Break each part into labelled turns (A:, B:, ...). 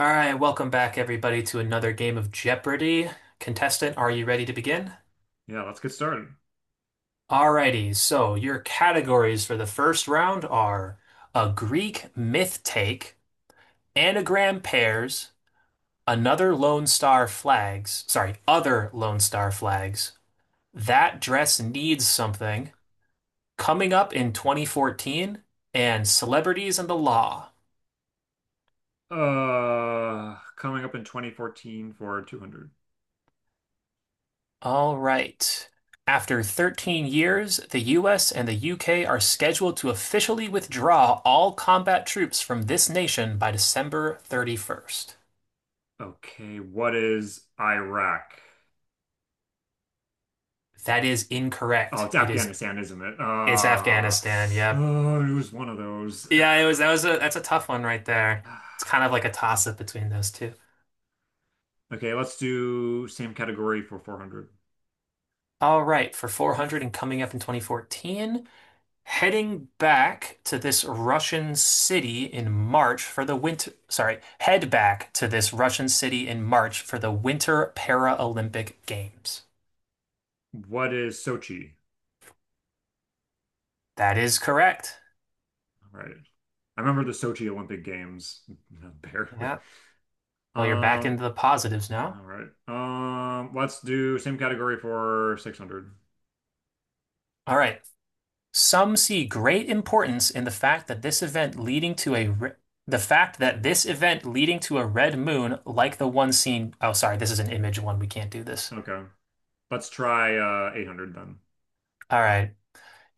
A: All right, welcome back, everybody, to another game of Jeopardy! Contestant, are you ready to begin?
B: Yeah, let's get started.
A: Alrighty, so your categories for the first round are a Greek myth take, anagram pairs, another Lone Star flags, sorry, other Lone Star flags, that dress needs something, coming up in 2014, and celebrities and the law.
B: Coming up in 2014 for 200.
A: All right. After 13 years, the US and the UK are scheduled to officially withdraw all combat troops from this nation by December 31st.
B: Okay, what is Iraq?
A: That is
B: Oh,
A: incorrect.
B: it's
A: It is
B: Afghanistan, isn't it?
A: it's
B: Uh,
A: Afghanistan. Yep.
B: oh, it was one of those.
A: Yeah, it was that was a that's a tough one right there. It's kind of like a toss up between those two.
B: Okay, let's do same category for 400.
A: All right, for 400 and coming up in 2014. Heading back to this Russian city in March for the winter, sorry, head back to this Russian city in March for the Winter Paralympic Games.
B: What is Sochi?
A: That is correct.
B: All right. I remember the Sochi Olympic Games, barely.
A: Yeah. Well, you're back
B: Um,
A: into the positives now.
B: all right. Let's do same category for 600.
A: All right. Some see great importance in the fact that this event leading to a re- the fact that this event leading to a red moon, like the one seen. Oh, sorry, this is an image one. We can't do this.
B: Okay. Let's try 800 then.
A: All right.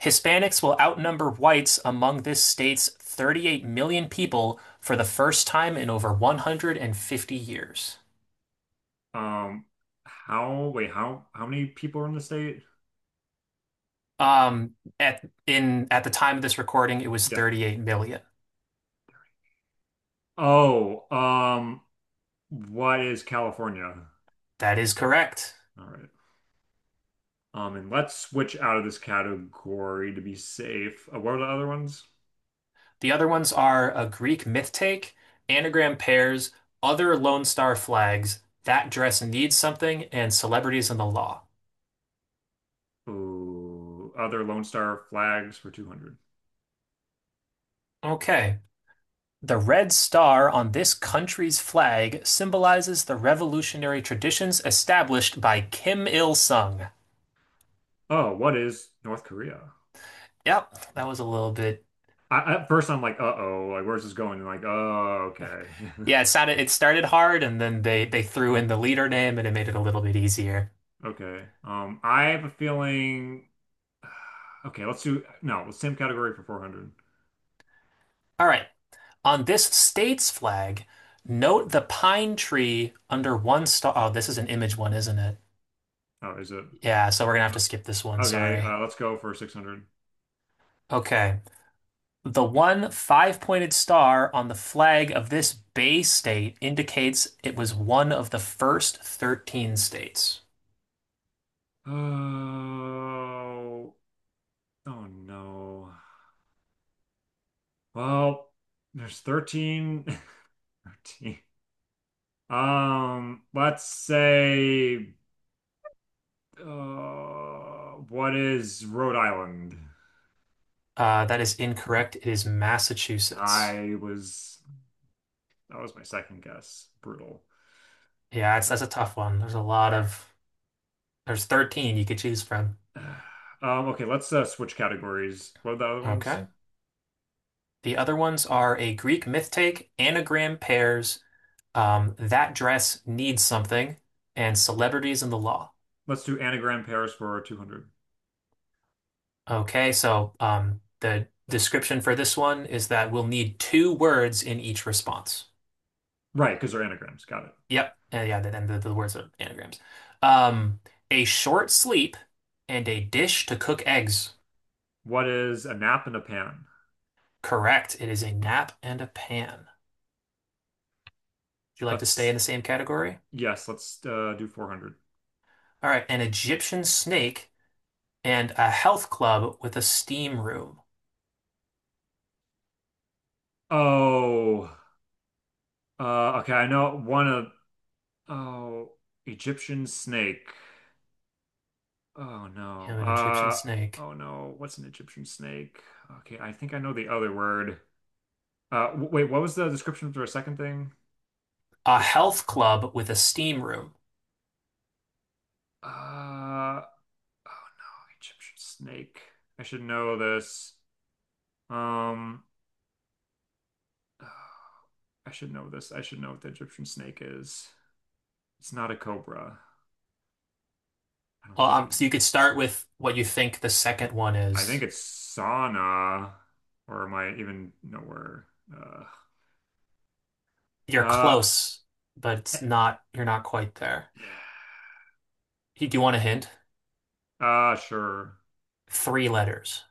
A: Hispanics will outnumber whites among this state's 38 million people for the first time in over 150 years.
B: Um, wait, how many people are in the state?
A: Um, at the time of this recording, it was
B: Yeah.
A: 38 million.
B: Oh, what is California?
A: That is correct.
B: All right. And let's switch out of this category to be safe. What are the other ones?
A: The other ones are a Greek myth take, anagram pairs, other Lone Star flags, that dress needs something, and celebrities in the law.
B: Ooh, other Lone Star flags for 200.
A: Okay. The red star on this country's flag symbolizes the revolutionary traditions established by Kim Il-sung.
B: Oh, what is North Korea?
A: Yep, that was a little bit.
B: At first, I'm like, uh-oh, like where's this going? And like, oh, okay,
A: Yeah, it started hard, and then they threw in the leader name, and it made it a little bit easier.
B: okay. I have a feeling. Okay, let's do no, same category for 400.
A: All right. On this state's flag, note the pine tree under one star. Oh, this is an image one, isn't it?
B: Oh, is it?
A: Yeah, so we're gonna have to
B: O-
A: skip this one,
B: Okay,
A: sorry.
B: let's go for 600.
A: Okay. The one five-pointed star on the flag of this Bay state indicates it was one of the first 13 states.
B: Oh, oh no. Well, there's 13, 13. Let's say, what is Rhode Island?
A: That is incorrect. It is Massachusetts.
B: I was, that was my second guess. Brutal.
A: Yeah, that's a tough one. There's a lot of, there's 13 you could choose from.
B: Okay, let's switch categories. What are the other ones?
A: Okay. The other ones are a Greek myth take, anagram pairs, that dress needs something, and celebrities in the law.
B: Let's do anagram pairs for 200.
A: Okay, so the description for this one is that we'll need two words in each response.
B: Right, because they're anagrams. Got it.
A: Yep, yeah, and the words are anagrams. Um, a short sleep and a dish to cook eggs.
B: What is a nap and a pan?
A: Correct, it is a nap and a pan. Would you like to stay in
B: Let's
A: the same category?
B: yes, let's do 400.
A: All right, an Egyptian snake and a health club with a steam room.
B: Oh, okay. I know one of oh, Egyptian snake. Oh no.
A: Have an Egyptian snake.
B: Oh no. What's an Egyptian snake? Okay, I think I know the other word. W wait, what was the description for a second thing?
A: A
B: This.
A: health club with a steam room.
B: Uh, oh no, Egyptian snake. I should know this. Um, I should know this. I should know what the Egyptian snake is. It's not a cobra. I don't
A: Well,
B: think it is.
A: so you could start with what you think the second one
B: I
A: is.
B: think it's sauna, or am I even no where? Uh,
A: You're
B: uh,
A: close, but it's
B: eh,
A: not, you're not quite there. Do you want a hint?
B: sure.
A: Three letters.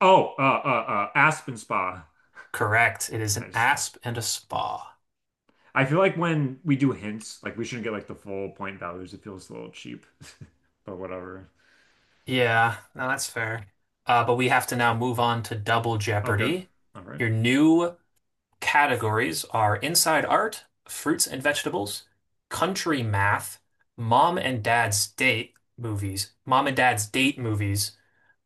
B: Oh, uh, uh, Aspen Spa.
A: Correct. It is an
B: Nice.
A: asp and a spa.
B: I feel like when we do hints, like we shouldn't get like the full point values. It feels a little cheap, but whatever.
A: Yeah, no, that's fair. But we have to now move on to Double
B: Okay.
A: Jeopardy.
B: All right.
A: Your new categories are Inside Art, Fruits and Vegetables, Country Math, Mom and Dad's Date movies,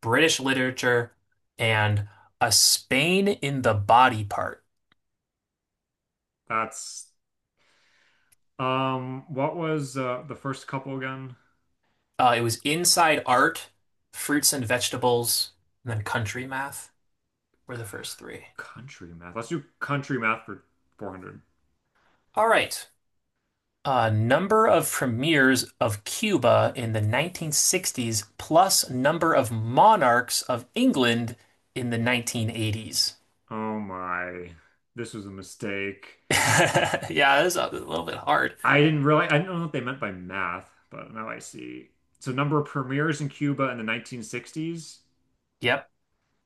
A: British literature, and A Spain in the Body Part.
B: That's. What was the first couple again?
A: It was Inside Art, Fruits and Vegetables, and then Country Math were the first three.
B: Country math. Let's do country math for 400.
A: All right. Number of premieres of Cuba in the 1960s plus number of monarchs of England in the 1980s.
B: Oh my. This was a mistake.
A: Yeah, this is a little bit hard.
B: I didn't really, I don't know what they meant by math, but now I see. So number of premiers in Cuba in the 1960s,
A: Yep,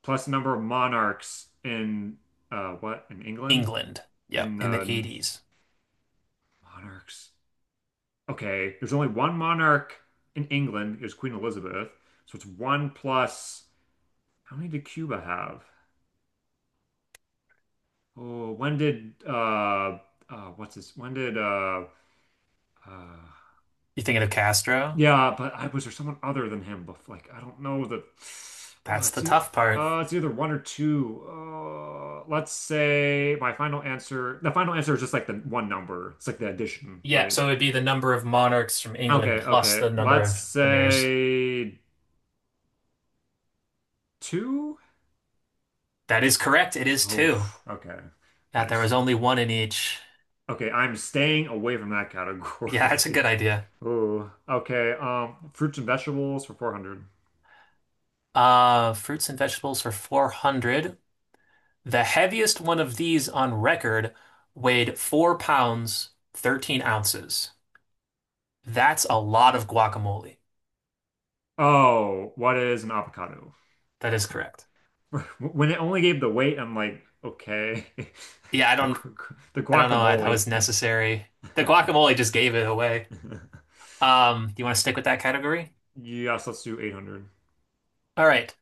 B: plus the number of monarchs in what in England?
A: England. Yep,
B: In
A: in the
B: the
A: 80s.
B: monarchs. Okay, there's only one monarch in England. It was Queen Elizabeth. So it's one plus. How many did Cuba have? Oh, when did what's this? When did uh
A: You thinking of Castro?
B: Yeah, but I was there someone other than him before? Like I don't know the. Uh,
A: That's the
B: it's e-
A: tough part.
B: it's either one or two. Let's say my final answer. The final answer is just like the one number. It's like the addition,
A: Yeah,
B: right?
A: so it would be the number of monarchs from
B: Okay,
A: England plus
B: okay.
A: the number
B: Let's
A: of premieres.
B: say two.
A: That is correct. It is
B: Oh,
A: two.
B: okay.
A: That there
B: Nice.
A: was only one in each.
B: Okay, I'm staying away from that
A: Yeah,
B: category.
A: that's a good idea.
B: Oh, okay. Fruits and vegetables for 400.
A: Fruits and vegetables for 400. The heaviest one of these on record weighed 4 pounds, 13 ounces. That's a lot of guacamole.
B: Oh, what is an avocado?
A: That is correct.
B: When it only gave the weight, I'm like, okay.
A: Yeah, I
B: The
A: don't,
B: the
A: I don't know why that
B: guacamole.
A: was necessary. The guacamole just gave it away. Do you want to stick with that category?
B: Yes, let's do 800.
A: All right.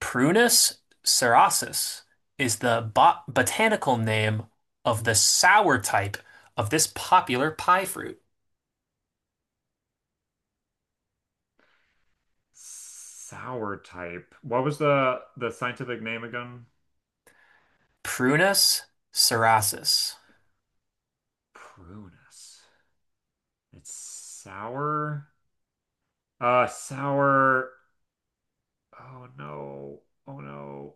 A: Prunus cerasus is the botanical name of the sour type of this popular pie fruit.
B: Sour type. What was the scientific name again?
A: Prunus cerasus.
B: Prunus. It's sour. Sour. Oh no. Oh no.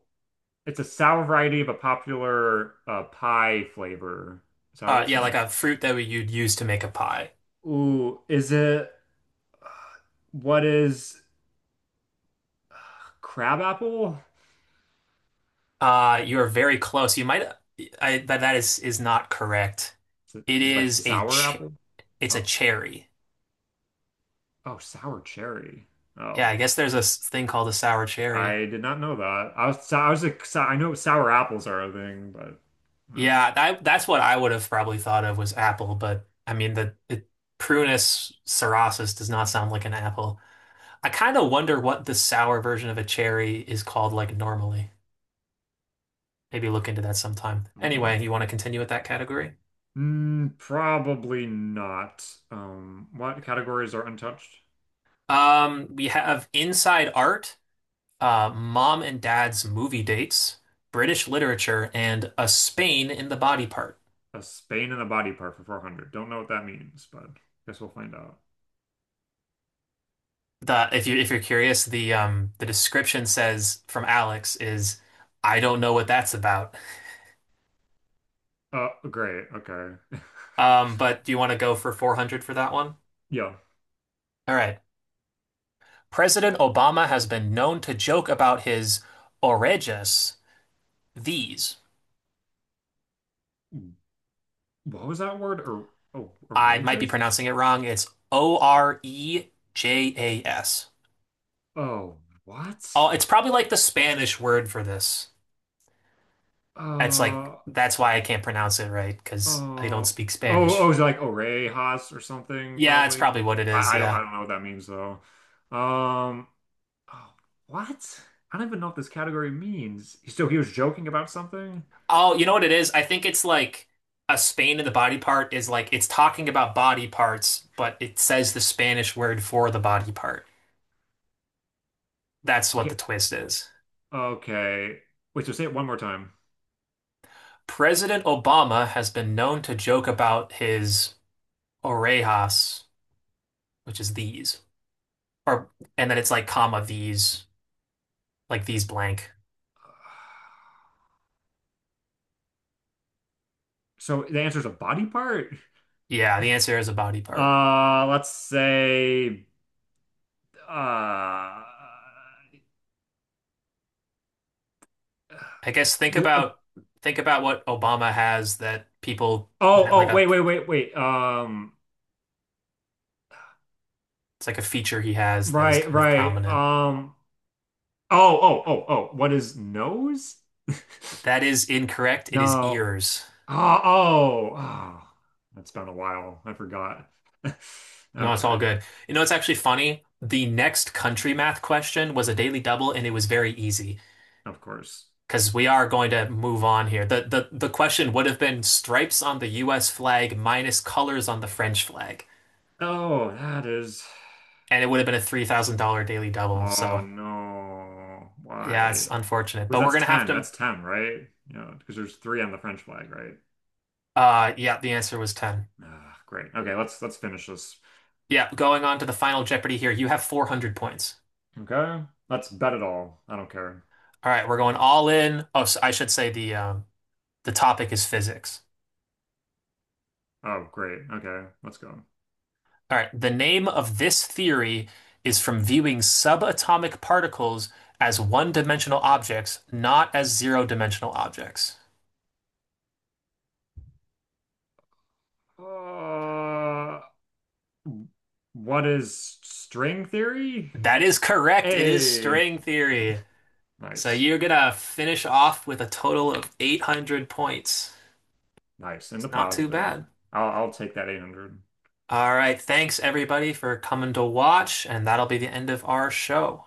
B: It's a sour variety of a popular pie flavor. Is that what
A: Uh,
B: it's
A: yeah, like
B: saying?
A: a fruit you'd use to make a pie.
B: Ooh, is it? uh, What is? Crab apple.
A: You are very close. You might, I, that that is not correct.
B: Is it,
A: It
B: is it like
A: is a
B: sour
A: ch
B: apple?
A: it's a
B: Oh,
A: cherry.
B: oh, sour cherry.
A: Yeah, I
B: Oh,
A: guess there's a thing called a sour cherry.
B: I did not know that. I was like, so, I know sour apples are a thing, but uh,
A: Yeah, that's what I would have probably thought of was apple, but I mean the Prunus cerasus does not sound like an apple. I kind of wonder what the sour version of a cherry is called like normally. Maybe look into that sometime. Anyway, you want to continue with that category?
B: mm, probably not. What categories are untouched?
A: We have Inside Art, Mom and Dad's Movie Dates, British Literature, and A Spain in the Body Part.
B: A Spain and a body part for 400. Don't know what that means, but guess we'll find out.
A: The if you if you're curious, the description says from Alex is, I don't know what that's about.
B: Great. Okay.
A: But do you want to go for 400 for that one?
B: Yeah.
A: All right. President Obama has been known to joke about his orejas, these.
B: What was that word? Or oh,
A: I might be
B: outrageous?
A: pronouncing it wrong. It's Orejas.
B: Oh,
A: Oh,
B: what?
A: it's probably like the Spanish word for this. It's like,
B: Uh,
A: that's why I can't pronounce it right, because I don't
B: Oh,
A: speak
B: oh,
A: Spanish.
B: oh, is it like Orejas or something,
A: Yeah, it's
B: probably.
A: probably what it is.
B: I
A: Yeah.
B: don't know what that means though. Um, oh, what? I don't even know what this category means. So he was joking about something?
A: Oh, you know what it is? I think it's like a Spain in the body part is like it's talking about body parts, but it says the Spanish word for the body part. That's what the
B: Okay,
A: twist is.
B: okay. Wait, so say it one more time.
A: President Obama has been known to joke about his orejas, which is these, or and then it's like comma these, like these blank.
B: So the answer is a body part?
A: Yeah, the answer is a body part.
B: Uh, let's say, uh,
A: I guess think
B: l- uh,
A: about think about what Obama has that people,
B: oh,
A: that, like
B: oh,
A: a,
B: wait, wait, wait, wait.
A: it's like a feature he has that is
B: Right,
A: kind of
B: right.
A: prominent.
B: Oh, oh, oh, oh. What is nose?
A: That is incorrect. It is
B: No.
A: ears.
B: Oh, oh, oh. That's been a while. I forgot.
A: No, it's all
B: Okay,
A: good. You know, it's actually funny. The next country math question was a daily double, and it was very easy
B: of course.
A: because we are going to move on here. The question would have been stripes on the US flag minus colors on the French flag,
B: Oh, that is.
A: and it would have been a $3,000 daily double.
B: Oh
A: So,
B: no.
A: yeah, it's
B: Why?
A: unfortunate,
B: Because
A: but we're
B: that's
A: gonna have
B: 10.
A: to.
B: That's 10, right? You know, because there's three on the French flag, right?
A: Yeah, the answer was 10.
B: Ah, great. Okay, let's finish this.
A: Yeah, going on to the final Jeopardy here. You have 400 points.
B: Okay. Let's bet it all. I don't care.
A: All right, we're going all in. Oh, so I should say the topic is physics.
B: Oh, great. Okay, let's go.
A: All right, the name of this theory is from viewing subatomic particles as one-dimensional objects, not as zero-dimensional objects.
B: Uh, What is string theory?
A: That is correct. It is
B: Hey,
A: string theory. So
B: nice,
A: you're gonna finish off with a total of 800 points.
B: nice, in
A: It's
B: the
A: not too
B: positive.
A: bad.
B: I'll take that 800.
A: All right, thanks everybody for coming to watch, and that'll be the end of our show.